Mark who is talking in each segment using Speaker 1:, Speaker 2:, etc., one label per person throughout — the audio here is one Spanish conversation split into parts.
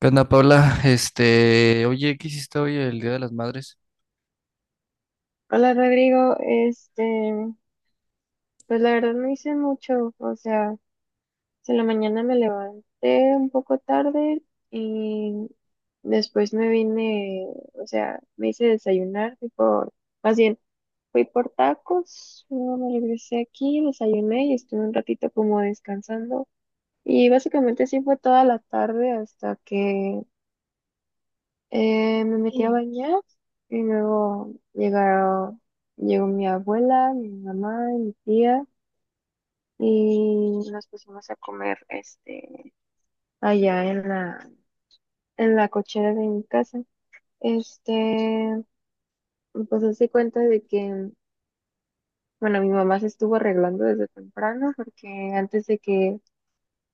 Speaker 1: ¿Qué onda, Paula? Oye, ¿qué hiciste hoy el Día de las Madres?
Speaker 2: Hola Rodrigo, pues la verdad no hice mucho. Si en la mañana me levanté un poco tarde y después me vine. O sea, me hice desayunar, más bien, fui por tacos, luego me regresé aquí, desayuné y estuve un ratito como descansando, y básicamente así fue toda la tarde hasta que me metí a, sí, bañar, y llegó mi abuela, mi mamá y mi tía, y nos pusimos a comer, allá en la cochera de mi casa. Este, pues hace cuenta de que, bueno, mi mamá se estuvo arreglando desde temprano porque antes de que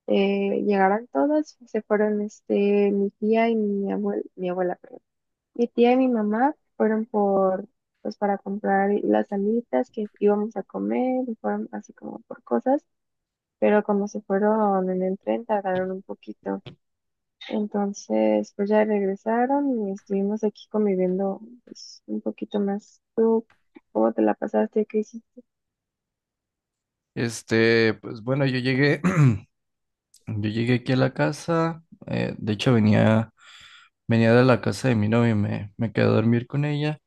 Speaker 2: llegaran todas, se fueron, mi tía y mi abuela, perdón, mi tía y mi mamá fueron por, pues para comprar las alitas que íbamos a comer, y fueron así como por cosas, pero como se fueron en el tren tardaron un poquito. Entonces, pues ya regresaron y estuvimos aquí conviviendo, pues, un poquito más. ¿Tú cómo te la pasaste? ¿Qué hiciste,
Speaker 1: Pues bueno, yo llegué, yo llegué aquí a la casa, de hecho venía de la casa de mi novia, y me quedé a dormir con ella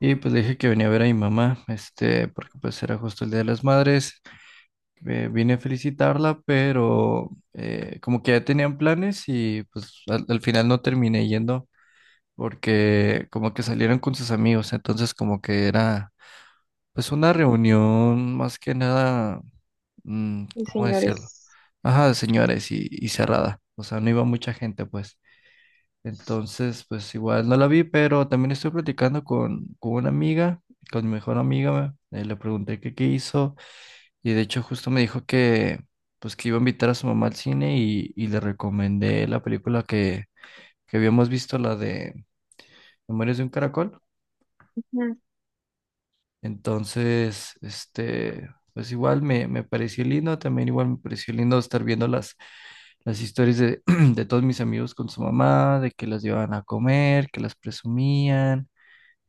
Speaker 1: y pues le dije que venía a ver a mi mamá, porque pues era justo el Día de las Madres, vine a felicitarla, pero como que ya tenían planes y pues al final no terminé yendo porque como que salieron con sus amigos, entonces como que era pues una reunión más que nada, ¿cómo decirlo?
Speaker 2: señores?
Speaker 1: Ajá, de señores y cerrada. O sea, no iba mucha gente, pues. Entonces, pues igual no la vi, pero también estoy platicando con una amiga, con mi mejor amiga. Le pregunté que qué hizo y de hecho justo me dijo pues que iba a invitar a su mamá al cine y le recomendé la película que habíamos visto, la de Memorias de un Caracol.
Speaker 2: Ujú.
Speaker 1: Entonces, pues igual me pareció lindo, también igual me pareció lindo estar viendo las historias de de todos mis amigos con su mamá, de que las llevaban a comer, que las presumían,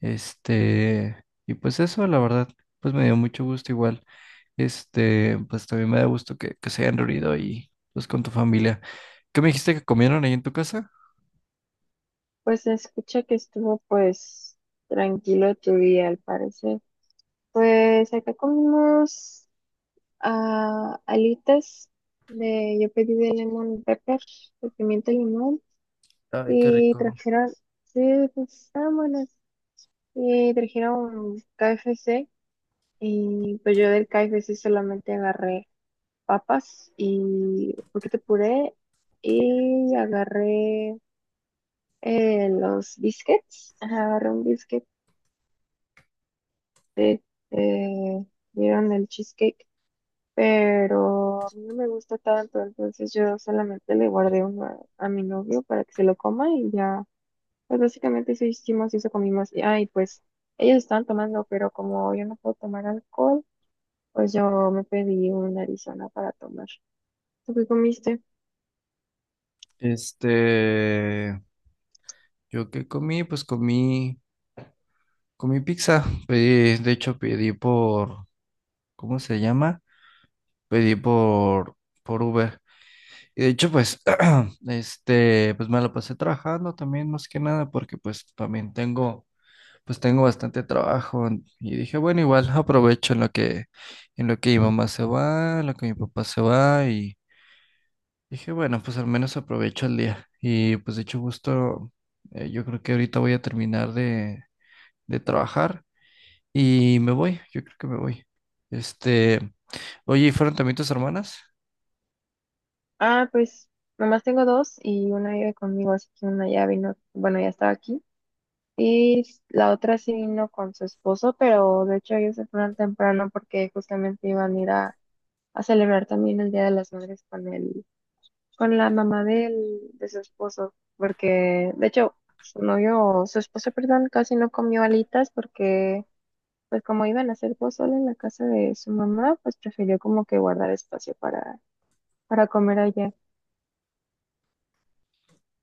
Speaker 1: y pues eso, la verdad, pues me dio mucho gusto igual, pues también me da gusto que se hayan reunido ahí pues con tu familia. ¿Qué me dijiste que comieron ahí en tu casa?
Speaker 2: Pues se escucha que estuvo pues tranquilo tu día, al parecer. Pues acá comimos, ah, alitas de, yo pedí de lemon pepper, de pimienta limón,
Speaker 1: Ay, qué
Speaker 2: y
Speaker 1: rico.
Speaker 2: trajeron, sí, pues estaban buenas, y trajeron KFC, y pues yo del KFC solamente agarré papas y un poquito de puré, y agarré, los biscuits, ajá, agarré un biscuit de, eh, vieron el cheesecake, pero a mí no me gusta tanto, entonces yo solamente le guardé uno a mi novio para que se lo coma, y ya. Pues básicamente eso hicimos y eso comimos. Y ay, pues ellos estaban tomando, pero como yo no puedo tomar alcohol, pues yo me pedí una Arizona para tomar. ¿Tú qué comiste?
Speaker 1: Este, yo qué comí, pues comí. Comí pizza, pedí, de hecho pedí por, ¿cómo se llama? Pedí por Uber. Y de hecho, pues, pues me la pasé trabajando también más que nada, porque pues también pues tengo bastante trabajo. Y dije, bueno, igual aprovecho en lo que mi mamá se va, en lo que mi papá se va, y dije, bueno, pues al menos aprovecho el día. Y pues de hecho, justo, yo creo que ahorita voy a terminar de trabajar. Y me voy, yo creo que me voy. Este, oye, ¿y fueron también tus hermanas?
Speaker 2: Ah, pues nomás tengo dos y una vive conmigo, así que una ya vino, bueno, ya estaba aquí. Y s- la otra sí vino con su esposo, pero de hecho ellos se fueron temprano porque justamente iban a ir a celebrar también el Día de las Madres con con la mamá de su esposo, porque de hecho su esposo, perdón, casi no comió alitas porque pues como iban a hacer pozole en la casa de su mamá, pues prefirió como que guardar espacio para comer allá.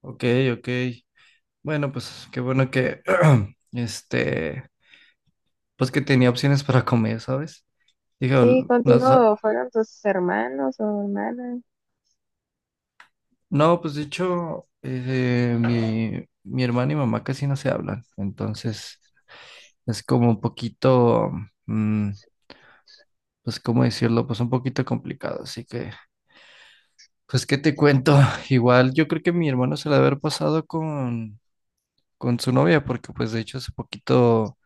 Speaker 1: Ok, ok. Bueno, pues qué bueno este, pues que tenía opciones para comer, ¿sabes? Dije,
Speaker 2: Sí,
Speaker 1: "Ol- las- a-".
Speaker 2: contigo fueron tus hermanos o hermanas.
Speaker 1: No, pues de hecho, mi hermana y mamá casi no se hablan, entonces es como un poquito, mm, pues cómo decirlo, pues un poquito complicado, así que, pues qué te cuento, igual yo creo que mi hermano se la debe haber pasado con su novia, porque pues de hecho hace poquito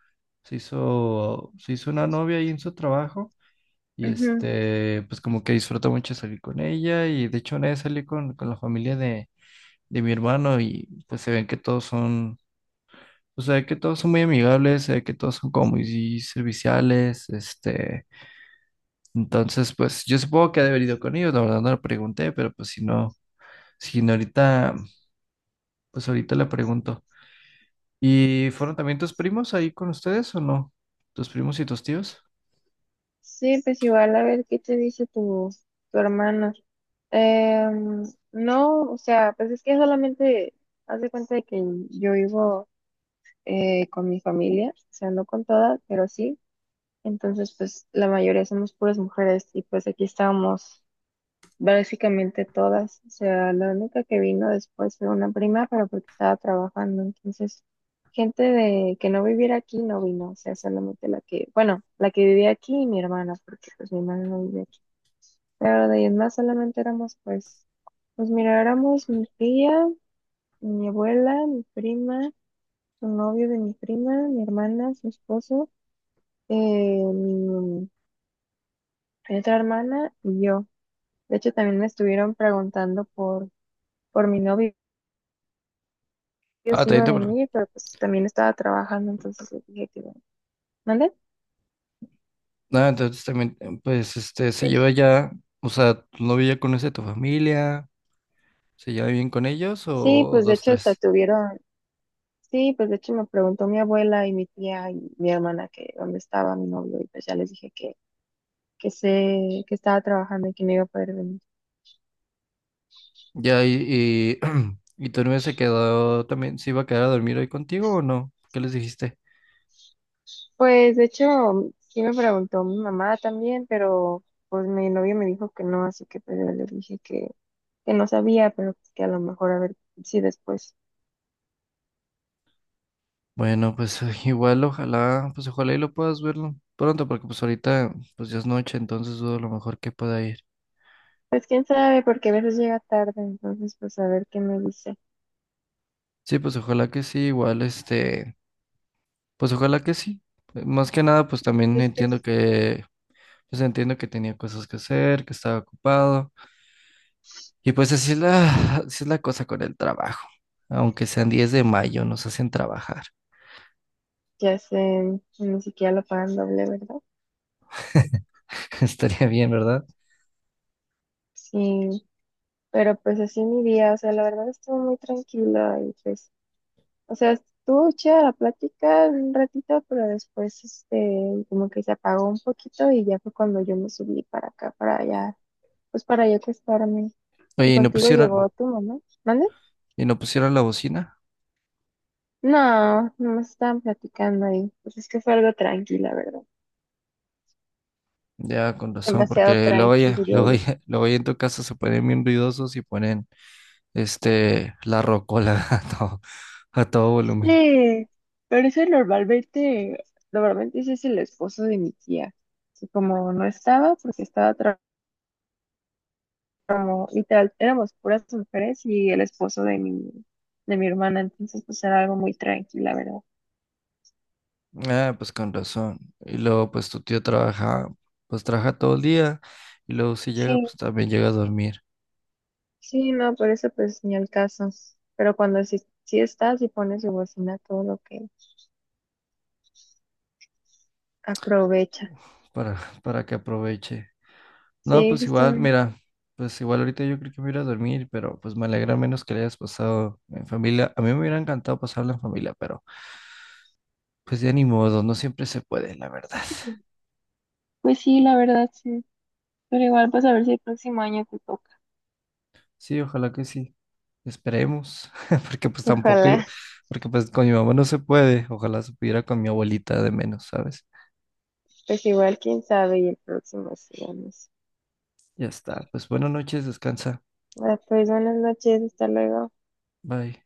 Speaker 1: se hizo una novia ahí en su trabajo y
Speaker 2: Ujú.
Speaker 1: pues como que disfruta mucho salir con ella y de hecho una vez salí con la familia de mi hermano y pues se ven que todos son, o sea, que todos son muy amigables, se ve que todos son como muy serviciales, entonces pues yo supongo que ha de haber ido con ellos, la verdad no le pregunté, pero pues si no, si no ahorita, pues ahorita le pregunto. ¿Y fueron también tus primos ahí con ustedes o no? ¿Tus primos y tus tíos?
Speaker 2: Sí, pues igual a ver qué te dice tu, tu hermano. Em, no, o sea, pues es que solamente haz de cuenta de que yo vivo, con mi familia, o sea, no con todas, pero sí. Entonces, pues la mayoría somos puras mujeres y pues aquí estábamos básicamente todas. O sea, la única que vino después fue una prima, pero porque estaba trabajando. Entonces, gente de que no viviera aquí no vino, o sea, solamente la que, bueno, la que vivía aquí y mi hermana, porque pues mi hermana no vivía aquí. Pero de ahí en más solamente éramos, pues, pues mira, éramos mi tía, mi abuela, mi prima, su novio de mi prima, mi hermana, su esposo, eh, mi, mi otra hermana y yo. De hecho, también me estuvieron preguntando por mi novio,
Speaker 1: Ah,
Speaker 2: si
Speaker 1: también
Speaker 2: iba a
Speaker 1: te... pre-
Speaker 2: venir, pero pues también estaba trabajando, entonces les dije que no. ¿Mande?
Speaker 1: Ah, entonces también, se
Speaker 2: Sí,
Speaker 1: lleva ya, o sea, tu novio ya conoce tu familia, ¿se lleva bien con ellos
Speaker 2: sí,
Speaker 1: o
Speaker 2: pues de
Speaker 1: dos,
Speaker 2: hecho hasta
Speaker 1: tres?
Speaker 2: estuvieron, sí, pues de hecho me preguntó mi abuela y mi tía y mi hermana que dónde estaba mi novio, y pues ya les dije que estaba trabajando y que no iba a poder venir.
Speaker 1: Ya, y, y, y tu novia se quedó también, ¿se iba a quedar a dormir hoy contigo o no? ¿Qué les dijiste?
Speaker 2: Pues de hecho, sí me preguntó mi mamá también, pero pues mi novio me dijo que no, así que pues yo le dije que no sabía, pero pues, que a lo mejor a ver si después.
Speaker 1: Bueno, pues igual, ojalá, pues ojalá y lo puedas verlo pronto, porque pues ahorita, pues ya es noche, entonces dudo a lo mejor que pueda ir.
Speaker 2: Pues quién sabe, porque a veces llega tarde, entonces pues a ver qué me dice.
Speaker 1: Sí, pues ojalá que sí, igual, este... Pues ojalá que sí. Más que nada, pues también
Speaker 2: Es que
Speaker 1: pues entiendo que tenía cosas que hacer, que estaba ocupado. Y pues así es la cosa con el trabajo. Aunque sean 10 de mayo, nos hacen trabajar.
Speaker 2: ya sé, ni siquiera lo pagan doble, ¿verdad?
Speaker 1: Estaría bien, ¿verdad?
Speaker 2: Sí, pero pues así mi día, o sea, la verdad estuvo muy tranquila, y pues, o sea, estuvo chida la plática un ratito, pero después, como que se apagó un poquito y ya fue cuando yo me subí para acá, para allá, pues para yo acostarme. Y
Speaker 1: Oye,
Speaker 2: contigo llegó tu mamá, ¿mande?
Speaker 1: y no pusieron la bocina.
Speaker 2: No, no me estaban platicando ahí. Pues es que fue algo tranquila, ¿verdad?
Speaker 1: Ya, con razón,
Speaker 2: Demasiado
Speaker 1: porque
Speaker 2: tranquilo, diría
Speaker 1: luego
Speaker 2: yo.
Speaker 1: ya- luego ya en tu casa se ponen bien ruidosos y ponen, la rocola a todo volumen.
Speaker 2: Sí, pero eso normalmente, normalmente ese es el esposo de mi tía, que como no estaba, porque estaba trabajando, como literal, éramos puras mujeres y el esposo de mi hermana, entonces pues era algo muy tranquila, ¿verdad?
Speaker 1: Ah, pues con razón. Y luego, pues trabaja todo el día y luego si llega,
Speaker 2: Sí,
Speaker 1: pues también llega a dormir
Speaker 2: sí, no, por eso pues ni al caso. Pero cuando sí, sí estás y pones su bocina, todo lo que aprovecha.
Speaker 1: para, para que aproveche. No,
Speaker 2: Sí,
Speaker 1: pues igual,
Speaker 2: justamente.
Speaker 1: mira, pues igual ahorita yo creo que me voy a ir a dormir, pero pues me alegra menos que le hayas pasado en familia. A mí me hubiera encantado pasarlo en familia, pero pues ya ni modo, no siempre se puede, la verdad.
Speaker 2: Pues sí, la verdad, sí. Pero igual, pues a ver si el próximo año te toca.
Speaker 1: Sí, ojalá que sí. Esperemos, porque pues tampoco,
Speaker 2: Ojalá,
Speaker 1: iba- porque pues con mi mamá no se puede, ojalá se pudiera con mi abuelita de menos, ¿sabes?
Speaker 2: pues igual, quién sabe, y el próximo sí, vamos.
Speaker 1: Ya está. Pues buenas noches, descansa.
Speaker 2: Ah, pues buenas noches, hasta luego.
Speaker 1: Bye.